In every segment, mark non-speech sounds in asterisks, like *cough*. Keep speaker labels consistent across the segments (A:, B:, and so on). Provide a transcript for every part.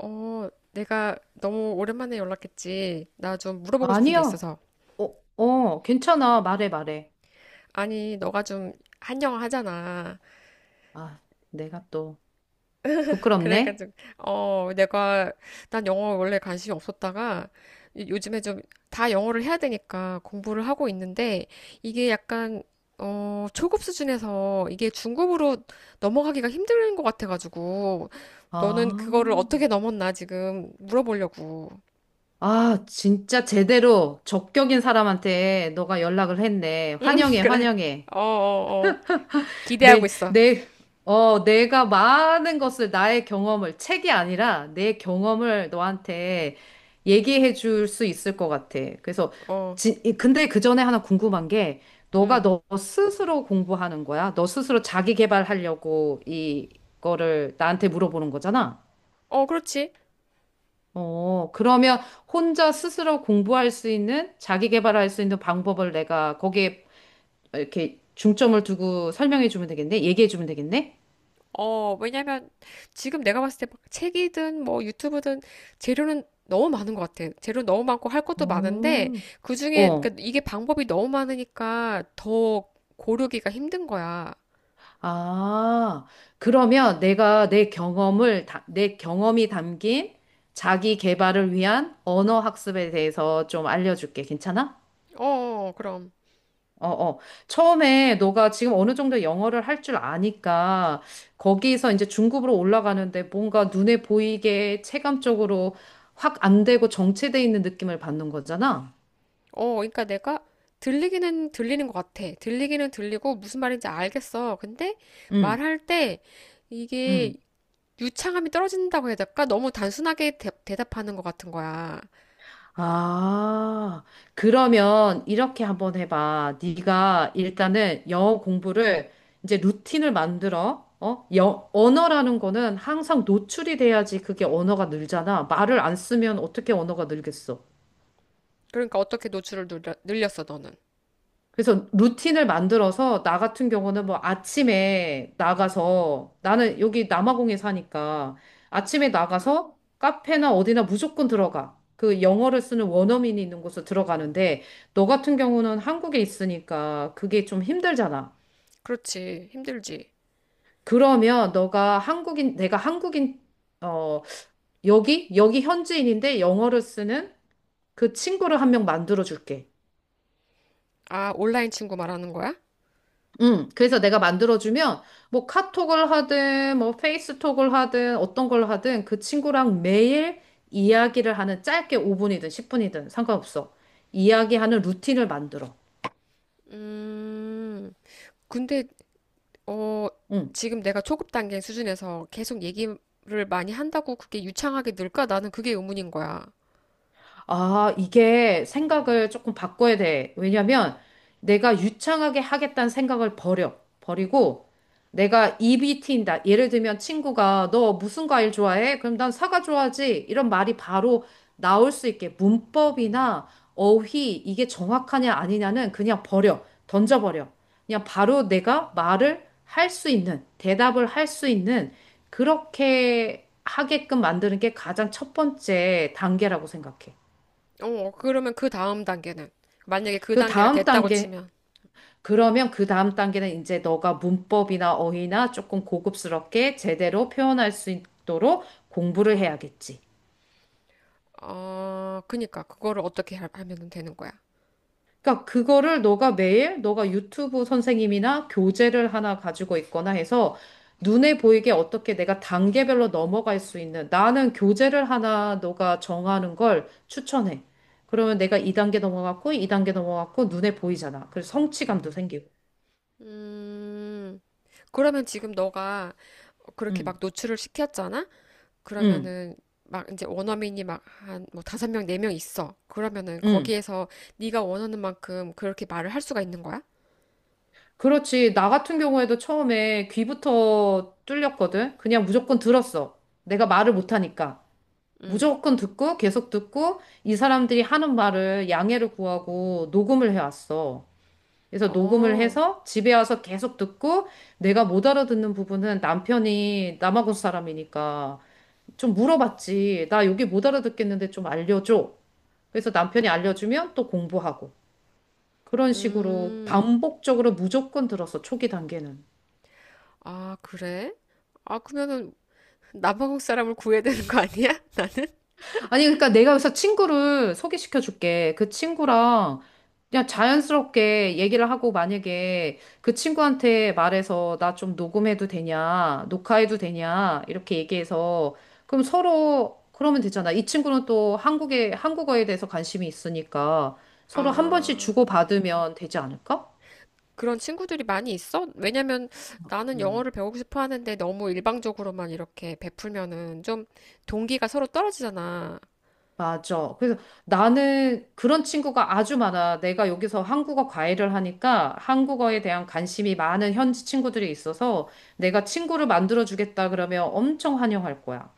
A: 어, 내가 너무 오랜만에 연락했지. 나 좀 물어보고 싶은 게
B: 아니야.
A: 있어서.
B: 어, 어, 괜찮아. 말해, 말해.
A: 아니, 너가 좀 한 영어 하잖아.
B: 아, 내가 또 부끄럽네.
A: 그래가지고, 어, 내가, 난 영어 원래 관심이 없었다가, 요즘에 좀 다 영어를 해야 되니까 공부를 하고 있는데, 이게 약간, 초급 수준에서 이게 중급으로 넘어가기가 힘든 것 같아가지고, 너는 그거를
B: 아,
A: 어떻게 넘었나 지금 물어보려고.
B: 아, 진짜 제대로 적격인 사람한테 너가 연락을 했네.
A: *laughs*
B: 환영해,
A: 그래.
B: 환영해.
A: 어, 어, 어. 기대하고
B: 내,
A: 있어.
B: 내, 내가 많은 것을, 나의 경험을, 책이 아니라 내 경험을 너한테 얘기해 줄 수 있을 것 같아. 그래서,
A: 어.
B: 근데 그 전에 하나 궁금한 게, 너가
A: 응,
B: 너 스스로 공부하는 거야? 너 스스로 자기 개발하려고 이거를 나한테 물어보는 거잖아?
A: 어, 그렇지.
B: 어, 그러면 혼자 스스로 공부할 수 있는, 자기 개발할 수 있는 방법을 내가 거기에 이렇게 중점을 두고 설명해 주면 되겠네? 얘기해 주면 되겠네?
A: 왜냐면 지금 내가 봤을 때 막 책이든 뭐 유튜브든 재료는 너무 많은 것 같아. 재료 너무 많고 할 것도 많은데
B: 오.
A: 그중에 그러니까
B: 어.
A: 이게 방법이 너무 많으니까 더 고르기가 힘든 거야.
B: 아, 그러면 내가 내 경험을, 다- 내 경험이 담긴 자기 개발을 위한 언어 학습에 대해서 좀 알려줄게. 괜찮아?
A: 어, 어, 어, 그럼.
B: 어, 어. 처음에 너가 지금 어느 정도 영어를 할 줄 아니까 거기서 이제 중급으로 올라가는데 뭔가 눈에 보이게 체감적으로 확 안 되고 정체돼 있는 느낌을 받는 거잖아.
A: 그러니까 내가 들리기는 들리는 것 같아. 들리기는 들리고 무슨 말인지 알겠어. 근데
B: 응,
A: 말할 때 이게
B: 응.
A: 유창함이 떨어진다고 해야 될까? 너무 단순하게 답하는것 같은 거야.
B: 아, 그러면 이렇게 한번 해봐. 네가 일단은 영어 공부를 이제 루틴을 만들어. 어? 언어라는 거는 항상 노출이 돼야지 그게 언어가 늘잖아. 말을 안 쓰면 어떻게 언어가 늘겠어?
A: 그러니까 어떻게 노출을 늘렸어, 너는?
B: 그래서 루틴을 만들어서 나 같은 경우는 뭐 아침에 나가서 나는 여기 남아공에 사니까 아침에 나가서 카페나 어디나 무조건 들어가. 그 영어를 쓰는 원어민이 있는 곳으로 들어가는데 너 같은 경우는 한국에 있으니까 그게 좀 힘들잖아.
A: 그렇지. 힘들지.
B: 그러면 너가 한국인, 내가 한국인, 어, 여기 현지인인데 영어를 쓰는 그 친구를 한 명 만들어 줄게.
A: 아, 온라인 친구 말하는 거야?
B: 그래서 내가 만들어주면 뭐 카톡을 하든 뭐 페이스톡을 하든 어떤 걸 하든 그 친구랑 매일 이야기를 하는 짧게 5분이든 10분이든 상관없어. 이야기하는 루틴을 만들어.
A: 음. 근데 어
B: 응.
A: 지금 내가 초급 단계 수준에서 계속 얘기를 많이 한다고 그게 유창하게 늘까? 나는 그게 의문인 거야.
B: 아, 이게 생각을 조금 바꿔야 돼. 왜냐면 내가 유창하게 하겠다는 생각을 버려. 버리고 내가 입이 트인다. 예를 들면 친구가 너 무슨 과일 좋아해? 그럼 난 사과 좋아하지. 이런 말이 바로 나올 수 있게 문법이나 어휘 이게 정확하냐 아니냐는 그냥 버려. 던져버려. 그냥 바로 내가 말을 할 수 있는, 대답을 할 수 있는 그렇게 하게끔 만드는 게 가장 첫 번째 단계라고 생각해.
A: 그러면 그 다음 단계는 만약에 그
B: 그
A: 단계가
B: 다음
A: 됐다고
B: 단계,
A: 치면.
B: 그러면 그 다음 단계는 이제 너가 문법이나 어휘나 조금 고급스럽게 제대로 표현할 수 있도록 공부를 해야겠지.
A: 그니까 그거를 어떻게 하면 되는 거야?
B: 그러니까 그거를 너가 매일 너가 유튜브 선생님이나 교재를 하나 가지고 있거나 해서 눈에 보이게 어떻게 내가 단계별로 넘어갈 수 있는 나는 교재를 하나 너가 정하는 걸 추천해. 그러면 내가 2단계 넘어갔고 2단계 넘어갔고 눈에 보이잖아. 그래서 성취감도 생기고.
A: 음. 그러면 지금 너가 그렇게
B: 응,
A: 막 노출을 시켰잖아?
B: 응,
A: 그러면은 막 이제 원어민이 막 한 뭐 5명, 4명 있어. 그러면은
B: 응.
A: 거기에서 네가 원하는 만큼 그렇게 말을 할 수가 있는 거야?
B: 그렇지. 나 같은 경우에도 처음에 귀부터 뚫렸거든. 그냥 무조건 들었어. 내가 말을 못하니까.
A: 응.
B: 무조건 듣고 계속 듣고 이 사람들이 하는 말을 양해를 구하고 녹음을 해왔어. 그래서 녹음을
A: 어.
B: 해서 집에 와서 계속 듣고 내가 못 알아듣는 부분은 남편이 남아공 사람이니까 좀 물어봤지. 나 여기 못 알아듣겠는데 좀 알려줘. 그래서 남편이 알려주면 또 공부하고. 그런 식으로
A: 음.
B: 반복적으로 무조건 들었어. 초기 단계는.
A: 아, 그래? 아, 그러면은 남아공 사람을 구해야 되는 거 아니야? *laughs*
B: 아니, 그러니까 내가 여기서 친구를 소개시켜 줄게. 그 친구랑 그냥 자연스럽게 얘기를 하고 만약에 그 친구한테 말해서 나 좀 녹음해도 되냐, 녹화해도 되냐, 이렇게 얘기해서 그럼 서로 그러면 되잖아. 이 친구는 또 한국에, 한국어에 대해서 관심이 있으니까 서로 한 번씩
A: 아.
B: 주고받으면 되지 않을까?
A: 그런 친구들이 많이 있어? 왜냐면 나는 영어를 배우고 싶어 하는데 너무 일방적으로만 이렇게 베풀면은 좀 동기가 서로 떨어지잖아.
B: 맞아. 그래서 나는 그런 친구가 아주 많아. 내가 여기서 한국어 과외를 하니까 한국어에 대한 관심이 많은 현지 친구들이 있어서 내가 친구를 만들어 주겠다 그러면 엄청 환영할 거야.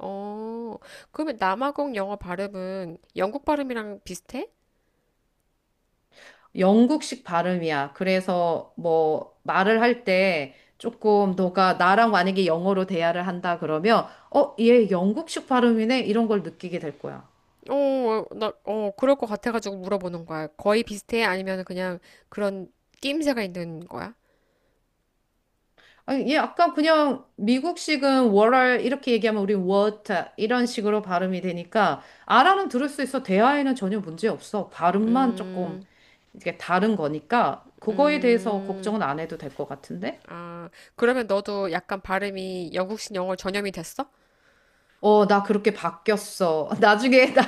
A: 어. 그러면 남아공 영어 발음은 영국 발음이랑 비슷해?
B: 영국식 발음이야. 그래서 뭐 말을 할 때 조금 너가 나랑 만약에 영어로 대화를 한다 그러면 어, 얘 영국식 발음이네 이런 걸 느끼게 될 거야.
A: 그럴 것 같아가지고 물어보는 거야. 거의 비슷해? 아니면 그냥 그런 낌새가 있는 거야?
B: 아, 얘 약간 그냥 미국식은 월알 이렇게 얘기하면 우리 워터 이런 식으로 발음이 되니까 알아는 들을 수 있어. 대화에는 전혀 문제 없어. 발음만 조금
A: 음,
B: 이게 다른 거니까 그거에 대해서
A: 음,
B: 걱정은 안 해도 될 것 같은데?
A: 아, 그러면 너도 약간 발음이 영국식 영어 전염이 됐어?
B: 어, 나 그렇게 바뀌었어. *laughs* 나중에 나,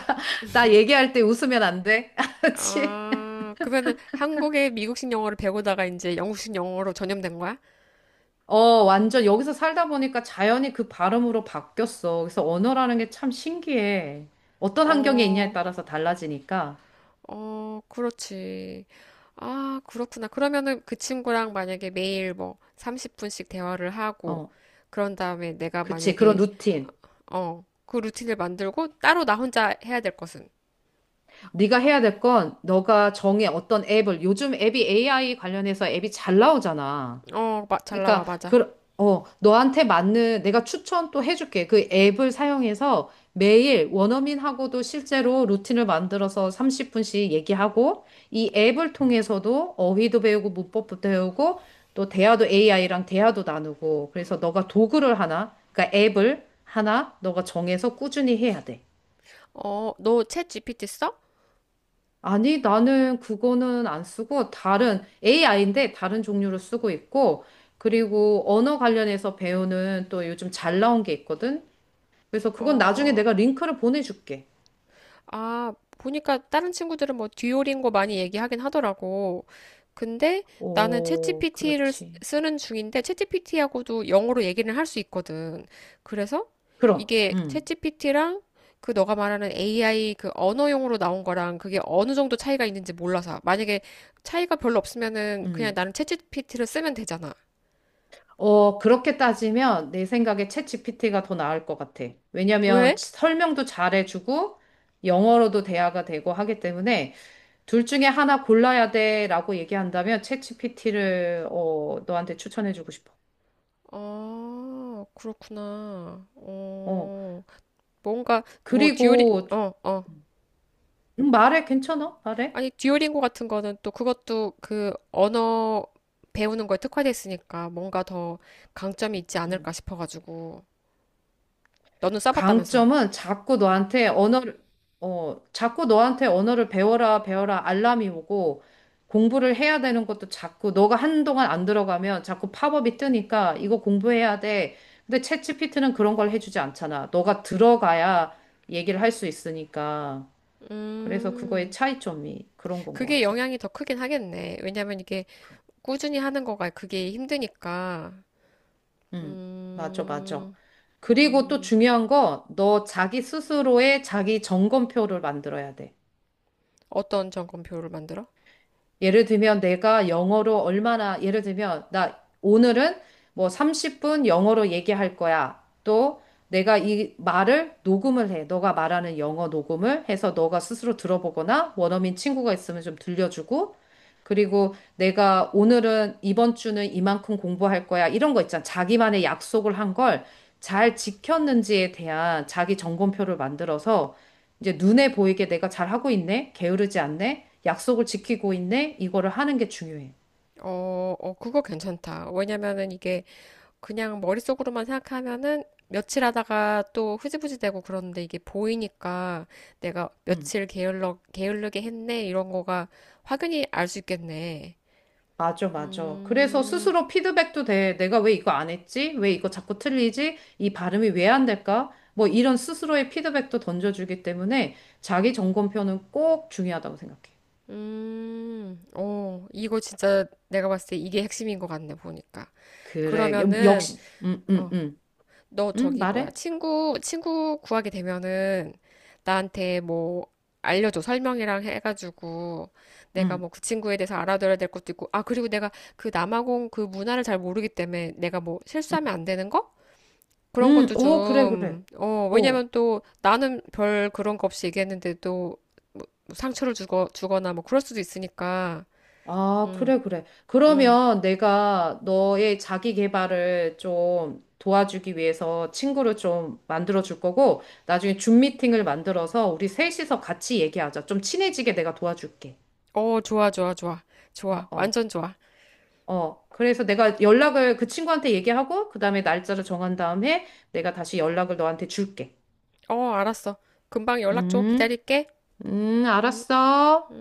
B: 나 얘기할 때 웃으면 안 돼? *laughs* 알았지?
A: 아, 그러면은 한국의 미국식 영어를 배우다가 이제 영국식 영어로 전염된 거야?
B: 어, 완전 여기서 살다 보니까 자연히 그 발음으로 바뀌었어. 그래서 언어라는 게 참 신기해. 어떤 환경에 있냐에
A: 어,
B: 따라서 달라지니까.
A: 어, 그렇지. 아, 그렇구나. 그러면은 그 친구랑 만약에 매일 뭐 30분씩 대화를 하고,
B: 어.
A: 그런 다음에 내가
B: 그치, 그런
A: 만약에
B: 루틴.
A: 그 루틴을 만들고 따로 나 혼자 해야 될 것은.
B: 네가 해야 될 건 너가 정해 어떤 앱을 요즘 앱이 AI 관련해서 앱이 잘 나오잖아.
A: 잘 나와,
B: 그러니까
A: 맞아.
B: 너한테 맞는 내가 추천 또 해줄게. 그 앱을 사용해서 매일 원어민하고도 실제로 루틴을 만들어서 30분씩 얘기하고 이 앱을 통해서도 어휘도 배우고 문법도 배우고 또 대화도 AI랑 대화도 나누고 그래서 너가 도구를 하나, 그러니까 앱을 하나 너가 정해서 꾸준히 해야 돼.
A: 너 챗 GPT 써?
B: 아니, 나는 그거는 안 쓰고 다른 AI인데 다른 종류로 쓰고 있고 그리고 언어 관련해서 배우는 또 요즘 잘 나온 게 있거든. 그래서 그건 나중에
A: 어,
B: 내가 링크를 보내줄게.
A: 아, 보니까 다른 친구들은 뭐 듀오링고 많이 얘기하긴 하더라고. 근데 나는
B: 오,
A: 챗GPT를
B: 그렇지.
A: 쓰는 중인데 챗GPT하고도 영어로 얘기를 할 수 있거든. 그래서
B: 그럼,
A: 이게 챗GPT랑 그 너가 말하는 AI 그 언어용으로 나온 거랑 그게 어느 정도 차이가 있는지 몰라서 만약에 차이가 별로 없으면은 그냥
B: 음.
A: 나는 챗GPT를 쓰면 되잖아.
B: 어, 그렇게 따지면 내 생각에 챗GPT가 더 나을 것 같아. 왜냐면
A: 왜?
B: 설명도 잘해주고 영어로도 대화가 되고 하기 때문에 둘 중에 하나 골라야 돼라고 얘기한다면 챗GPT를 너한테 추천해주고 싶어.
A: 아, 그렇구나.
B: 어.
A: 뭔가 뭐 듀오링
B: 그리고
A: 어, 어.
B: 말해 괜찮아? 말해.
A: 아니, 듀오링고 같은 거는 또 그것도 그 언어 배우는 거에 특화돼 있으니까 뭔가 더 강점이 있지
B: 음.
A: 않을까 싶어가지고. 너는 써봤다면서?
B: 강점은 자꾸 너한테 언어를 배워라 배워라 알람이 오고 공부를 해야 되는 것도 자꾸 너가 한동안 안 들어가면 자꾸 팝업이 뜨니까 이거 공부해야 돼. 근데 챗GPT는 그런 걸 해주지 않잖아. 너가 들어가야 얘기를 할 수 있으니까. 그래서 그거의
A: 음,
B: 차이점이 그런 건 것
A: 그게
B: 같아.
A: 영향이 더 크긴 하겠네. 왜냐면 이게 꾸준히 하는 거가 그게 힘드니까.
B: 응, 맞아, 맞아.
A: 음,
B: 그리고 또
A: 음,
B: 중요한 거, 너 자기 스스로의 자기 점검표를 만들어야 돼.
A: 어떤 점검표를 만들어?
B: 예를 들면 내가 영어로 얼마나, 예를 들면 나 오늘은 뭐 30분 영어로 얘기할 거야. 또 내가 이 말을 녹음을 해. 너가 말하는 영어 녹음을 해서 너가 스스로 들어보거나 원어민 친구가 있으면 좀 들려주고. 그리고 내가 오늘은 이번 주는 이만큼 공부할 거야. 이런 거 있잖아. 자기만의 약속을 한 걸 잘 지켰는지에 대한 자기 점검표를 만들어서 이제 눈에 보이게 내가 잘하고 있네, 게으르지 않네, 약속을 지키고 있네, 이거를 하는 게 중요해.
A: 어, 어, 그거 괜찮다. 왜냐면은 이게 그냥 머릿속으로만 생각하면은 며칠 하다가 또 흐지부지 되고 그러는데 이게 보이니까 내가
B: 음,
A: 며칠 게을르게 했네 이런 거가 확연히 알 수 있겠네.
B: 맞아, 맞아. 그래서
A: 음,
B: 스스로 피드백도 돼. 내가 왜 이거 안 했지? 왜 이거 자꾸 틀리지? 이 발음이 왜 안 될까? 뭐 이런 스스로의 피드백도 던져주기 때문에 자기 점검표는 꼭 중요하다고 생각해.
A: 이거 진짜 내가 봤을 때 이게 핵심인 것 같네, 보니까.
B: 그래,
A: 그러면은,
B: 역시.
A: 어, 너 저기 뭐야
B: 말해?
A: 친구 구하게 되면은 나한테 뭐 알려줘 설명이랑 해가지고 내가
B: 음,
A: 뭐 그 친구에 대해서 알아둬야 될 것도 있고, 아 그리고 내가 그 남아공 그 문화를 잘 모르기 때문에 내가 뭐
B: 음.
A: 실수하면 안 되는 거 그런 것도
B: 오, 그래, 그래.
A: 좀.
B: 어,
A: 왜냐면 또 나는 별 그런 거 없이 얘기했는데도 뭐 주거나 뭐 그럴 수도 있으니까.
B: 아,
A: 음
B: 그래, 그래.
A: 음
B: 그러면 내가 너의 자기 개발을 좀 도와주기 위해서 친구를 좀 만들어 줄 거고, 나중에 줌 미팅을 만들어서 우리 셋이서 같이 얘기하자. 좀 친해지게 내가 도와줄게.
A: 좋아, 좋아, 좋아,
B: 어,
A: 좋아,
B: 어,
A: 완전 좋아.
B: 어. 그래서 내가 연락을 그 친구한테 얘기하고, 그 다음에 날짜를 정한 다음에 내가 다시 연락을 너한테 줄게.
A: 어, 알았어. 금방 연락 줘.
B: 음,
A: 기다릴게.
B: 알았어.